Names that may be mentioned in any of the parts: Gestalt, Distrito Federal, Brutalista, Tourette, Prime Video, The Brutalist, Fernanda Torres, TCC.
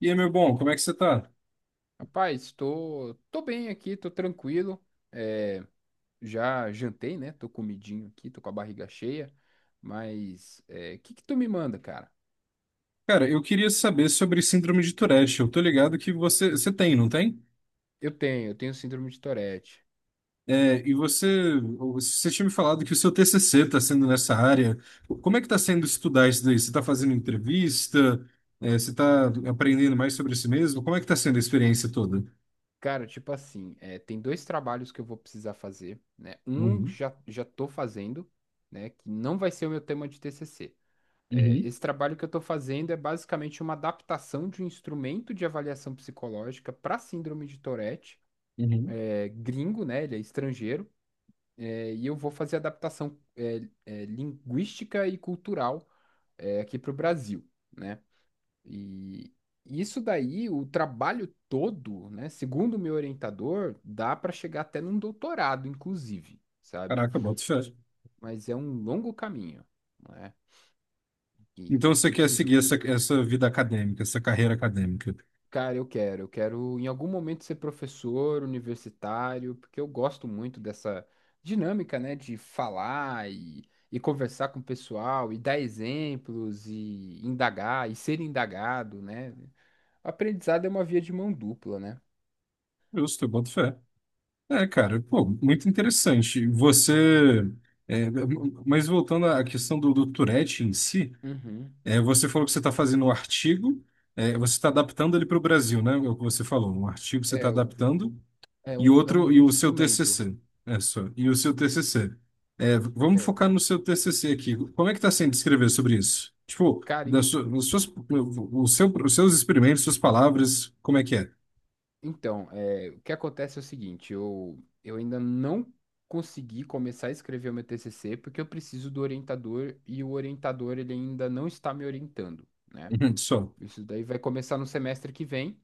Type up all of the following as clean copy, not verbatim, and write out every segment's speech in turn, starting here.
E aí, meu bom, como é que você tá? Rapaz, tô bem aqui, tô tranquilo. É, já jantei, né? Tô comidinho aqui, tô com a barriga cheia. Mas é, o que que tu me manda, cara? Cara, eu queria saber sobre síndrome de Tourette. Eu tô ligado que você tem, não tem? Eu tenho síndrome de Tourette. É, e você tinha me falado que o seu TCC está sendo nessa área. Como é que está sendo estudar isso daí? Você está fazendo entrevista? É, você está aprendendo mais sobre si mesmo? Como é que está sendo a experiência toda? Cara, tipo assim, é, tem dois trabalhos que eu vou precisar fazer, né? Um Uhum. Já tô fazendo, né? Que não vai ser o meu tema de TCC. É, Uhum. esse trabalho que eu tô fazendo é basicamente uma adaptação de um instrumento de avaliação psicológica para síndrome de Tourette. Uhum. É gringo, né? Ele é estrangeiro. É, e eu vou fazer adaptação linguística e cultural, é, aqui para o Brasil, né? E isso daí, o trabalho todo, né? Segundo o meu orientador, dá para chegar até num doutorado, inclusive, sabe? Caraca, boto fé. Mas é um longo caminho, né? Então E você que eu quer preciso. seguir essa, essa vida acadêmica, essa carreira acadêmica. Cara, eu quero. Eu quero em algum momento ser professor universitário, porque eu gosto muito dessa dinâmica, né, de falar e conversar com o pessoal e dar exemplos e indagar e ser indagado, né? Aprendizado é uma via de mão dupla, né? Justo, eu boto fé. É, cara, pô, muito interessante. Você. é, mas voltando à questão do, do Tourette em si, Uhum. é, você falou que você está fazendo um artigo, é, você está adaptando ele para o Brasil, né? É o que você falou. Um artigo você É, está adaptando. E é outro, e um o seu instrumento. TCC. É só. E o seu TCC. É, vamos É. focar no seu TCC aqui. Como é que está sendo escrever sobre isso? Tipo, Cara, as suas, o seu, os seus experimentos, suas palavras, como é que é? então, é, o que acontece é o seguinte, eu ainda não consegui começar a escrever o meu TCC porque eu preciso do orientador e o orientador ele ainda não está me orientando, né? Uhum. Só. Isso daí vai começar no semestre que vem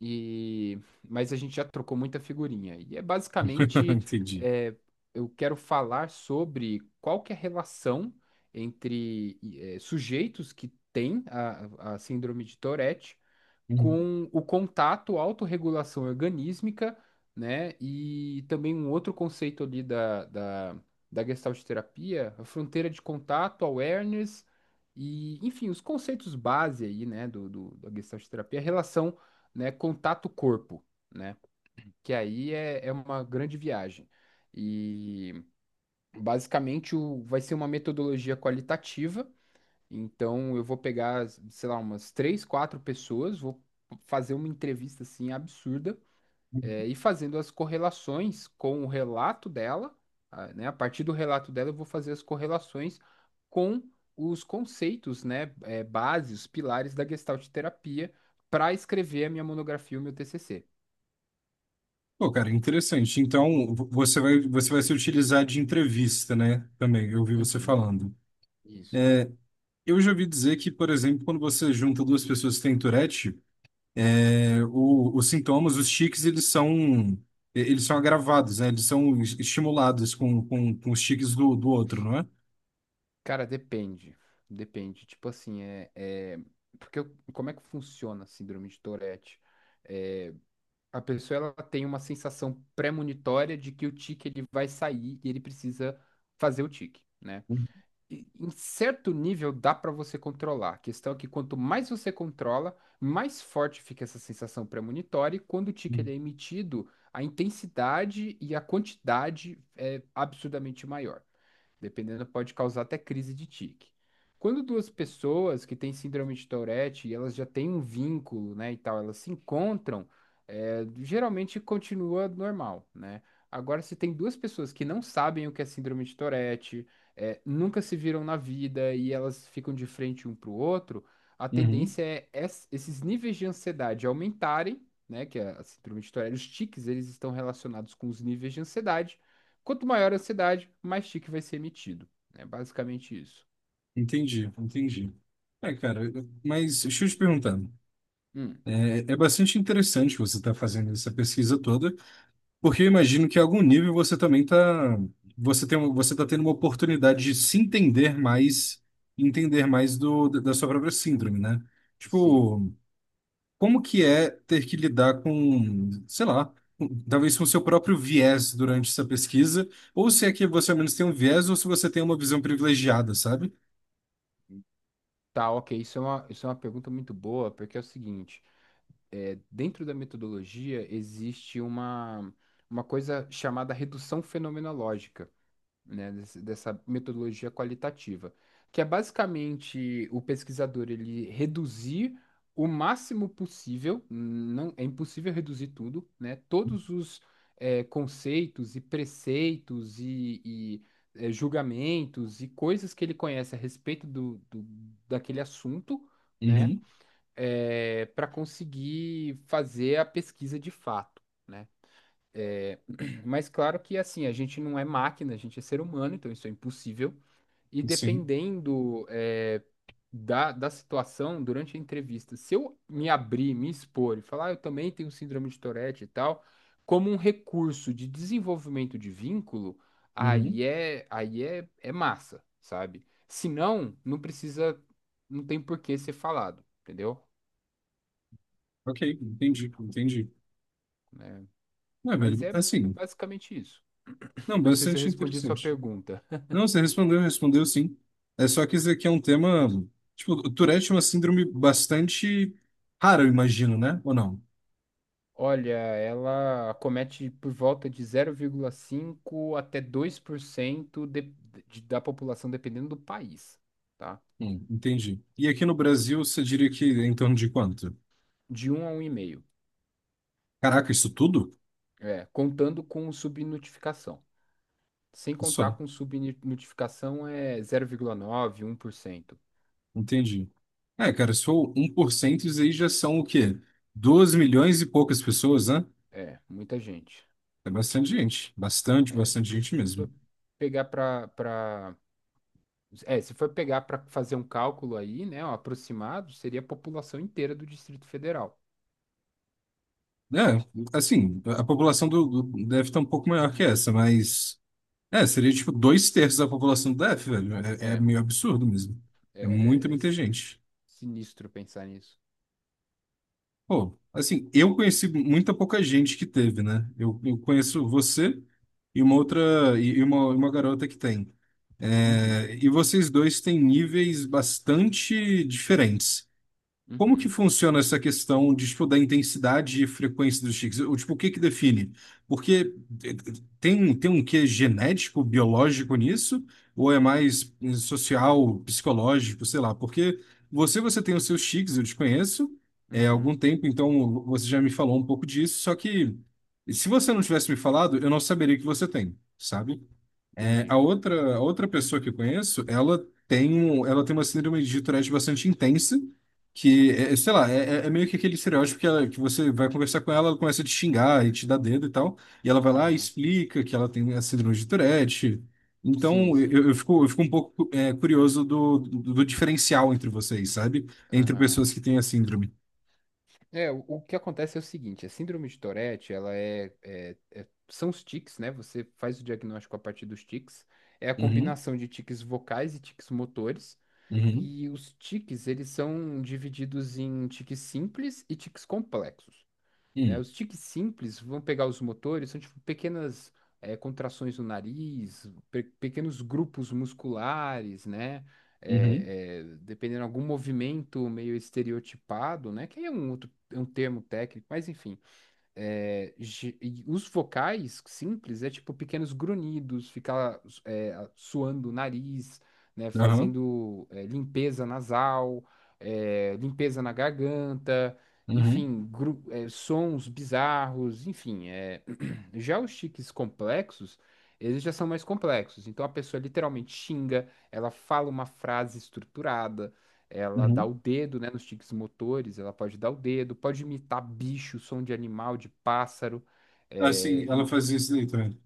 e mas a gente já trocou muita figurinha e é basicamente Entendi. é, eu quero falar sobre qual que é a relação entre eh, sujeitos que têm a síndrome de Tourette Uhum. com o contato, autorregulação organísmica, né? E também um outro conceito ali da Gestalt terapia, a fronteira de contato, awareness, e, enfim, os conceitos base aí, né, da Gestalt terapia, a relação, né, contato-corpo, né? Que aí é uma grande viagem. E basicamente vai ser uma metodologia qualitativa, então eu vou pegar, sei lá, umas três, quatro pessoas, vou fazer uma entrevista assim absurda, e fazendo as correlações com o relato dela, ah, né? A partir do relato dela, eu vou fazer as correlações com os conceitos, né? Bases, os pilares da Gestalt terapia para escrever a minha monografia, o meu TCC. Pô, cara, interessante. Então, você vai se utilizar de entrevista, né? Também, eu ouvi você Uhum, falando. isso. Eu já ouvi dizer que, por exemplo, quando você junta duas pessoas que têm Tourette, os sintomas, os tiques, eles são agravados, né? Eles são estimulados com os tiques do, do outro, não é? Cara, depende. Depende. Tipo assim, porque como é que funciona a síndrome de Tourette? É, a pessoa ela tem uma sensação premonitória de que o tique ele vai sair e ele precisa fazer o tique, né? E, em certo nível dá para você controlar. A questão é que quanto mais você controla, mais forte fica essa sensação premonitória, e quando o tique ele Uhum. é emitido, a intensidade e a quantidade é absurdamente maior. Dependendo, pode causar até crise de tique. Quando duas pessoas que têm síndrome de Tourette e elas já têm um vínculo, né, e tal, elas se encontram, é, geralmente continua normal, né? Agora, se tem duas pessoas que não sabem o que é síndrome de Tourette, é, nunca se viram na vida e elas ficam de frente um para o outro, a Uhum. tendência é esses níveis de ansiedade aumentarem, né? Que a síndrome de Tourette, os tiques, eles estão relacionados com os níveis de ansiedade. Quanto maior a ansiedade, mais tique vai ser emitido. É basicamente isso. Entendi, entendi. É, cara, mas deixa eu te perguntar. Hum, É, é bastante interessante você estar fazendo essa pesquisa toda, porque eu imagino que a algum nível você também tá, você você tá tendo uma oportunidade de se entender mais, entender mais do, da sua própria síndrome, né? sim. Tipo, como que é ter que lidar com, sei lá, talvez com o seu próprio viés durante essa pesquisa, ou se é que você ao menos tem um viés, ou se você tem uma visão privilegiada, sabe? Tá, ok. Isso é uma pergunta muito boa, porque é o seguinte: é, dentro da metodologia existe uma coisa chamada redução fenomenológica. Né, dessa metodologia qualitativa, que é basicamente o pesquisador ele reduzir o máximo possível, não é impossível reduzir tudo, né, todos os conceitos e preceitos e julgamentos e coisas que ele conhece a respeito daquele assunto, né, Uhum, para conseguir fazer a pesquisa de fato. Né? É, mas claro que assim, a gente não é máquina, a gente é ser humano, então isso é impossível. E sim. dependendo é, da situação, durante a entrevista, se eu me abrir, me expor e falar, "Ah, eu também tenho síndrome de Tourette e tal", como um recurso de desenvolvimento de vínculo, Uhum. É massa, sabe? Se não, não precisa, não tem por que ser falado, entendeu? Ok, entendi, entendi. Né? Não, mas velho, é é assim, basicamente isso. não, Não sei se eu bastante respondi a sua interessante. pergunta. Não, você respondeu, respondeu sim. É só que isso aqui é um tema, tipo, o Tourette é uma síndrome bastante rara, eu imagino, né? Ou não? Olha, ela acomete por volta de 0,5 até 2% da população, dependendo do país, tá? Entendi. E aqui no Brasil, você diria que é em torno de quanto? De um a um 1,5, Caraca, isso tudo? é, contando com subnotificação. Sem contar Só, com subnotificação é 0,9, 1%. entendi. É, cara, se for um por cento isso aí já são o quê? 12 milhões e poucas pessoas, né? É, muita gente. É bastante gente. Bastante, É, bastante gente se for mesmo. pegar para para é, se for pegar para fazer um cálculo aí, né, um aproximado, seria a população inteira do Distrito Federal. É, assim, a população do, do DF tá um pouco maior que essa, mas. É, seria tipo dois terços da população do DF, velho. É, é É. meio absurdo mesmo. É muita, É, muita gente. sinistro pensar nisso. Pô, assim, eu conheci muita pouca gente que teve, né? Eu conheço você e uma outra. E uma garota que tem. Uhum, É, e vocês dois têm níveis bastante diferentes. Como que uhum, funciona essa questão de, tipo, da intensidade e frequência dos tiques? Ou, tipo, o que que define? Porque eh, tem, tem um quê genético, biológico nisso? Ou é mais social, psicológico, sei lá? Porque você tem os seus tiques, eu te conheço, é, há algum uhum. tempo, então você já me falou um pouco disso, só que se você não tivesse me falado, eu não saberia que você tem, sabe? É, Entendi. A outra pessoa que eu conheço, ela ela tem uma síndrome de Tourette bastante intensa, que, é, é, sei lá, é, é meio que aquele estereótipo que, que você vai conversar com ela, ela começa a te xingar e te dar dedo e tal, e ela vai lá e Aham. explica que ela tem a síndrome de Tourette. Sim, Então, sim. Eu fico um pouco, é, curioso do, do, do diferencial entre vocês, sabe? Entre Aham. pessoas que têm a síndrome. É, o que acontece é o seguinte, a síndrome de Tourette, ela são os tiques, né? Você faz o diagnóstico a partir dos tiques. É a Uhum, combinação de tiques vocais e tiques motores. uhum, E os tiques, eles são divididos em tiques simples e tiques complexos. Né? uhum, Os tiques simples vão pegar os motores, são tipo pequenas contrações no nariz, pequenos grupos musculares, né? uhum, Dependendo de algum movimento meio estereotipado, né? Que aí é um termo técnico, mas enfim. É, e os vocais simples é tipo pequenos grunhidos, ficar suando o nariz, né, aham, fazendo limpeza nasal, é, limpeza na garganta, uhum, enfim, sons bizarros, enfim. É. Já os tiques complexos, eles já são mais complexos. Então a pessoa literalmente xinga, ela fala uma frase estruturada, ela dá o uhum. dedo, né, nos tiques motores, ela pode dar o dedo, pode imitar bicho, som de animal, de pássaro. Assim, É, e- ela fazia isso daí também.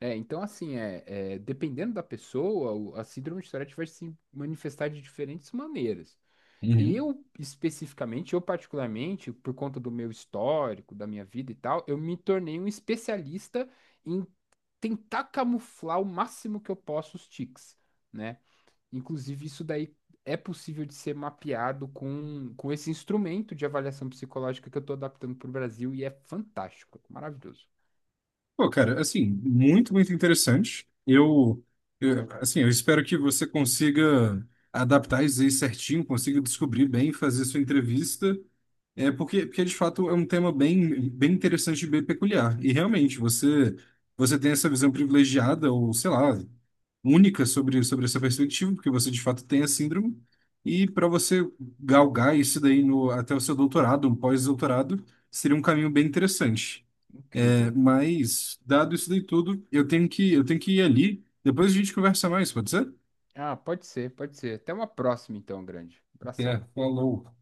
É, então, assim, dependendo da pessoa, a síndrome de Tourette vai se manifestar de diferentes maneiras. Uhum. Eu, especificamente, eu particularmente, por conta do meu histórico, da minha vida e tal, eu me tornei um especialista em tentar camuflar o máximo que eu posso os tiques. Né? Inclusive, isso daí é possível de ser mapeado com esse instrumento de avaliação psicológica que eu estou adaptando para o Brasil e é fantástico, maravilhoso, Pô, cara, assim, muito, muito interessante. Eu, assim, eu espero que você consiga adaptar isso aí certinho, consiga descobrir bem, fazer sua entrevista. É porque, porque de fato é um tema bem, bem interessante e bem peculiar. E realmente, você, você tem essa visão privilegiada ou, sei lá, única sobre, sobre essa perspectiva, porque você de fato tem a síndrome. E para você galgar isso daí no, até o seu doutorado, um pós-doutorado, seria um caminho bem interessante. incrível. Mas, dado isso daí tudo, eu tenho que ir ali. Depois a gente conversa mais, pode ser? Ah, pode ser, pode ser. Até uma próxima, então, grande. É, Abração. falou.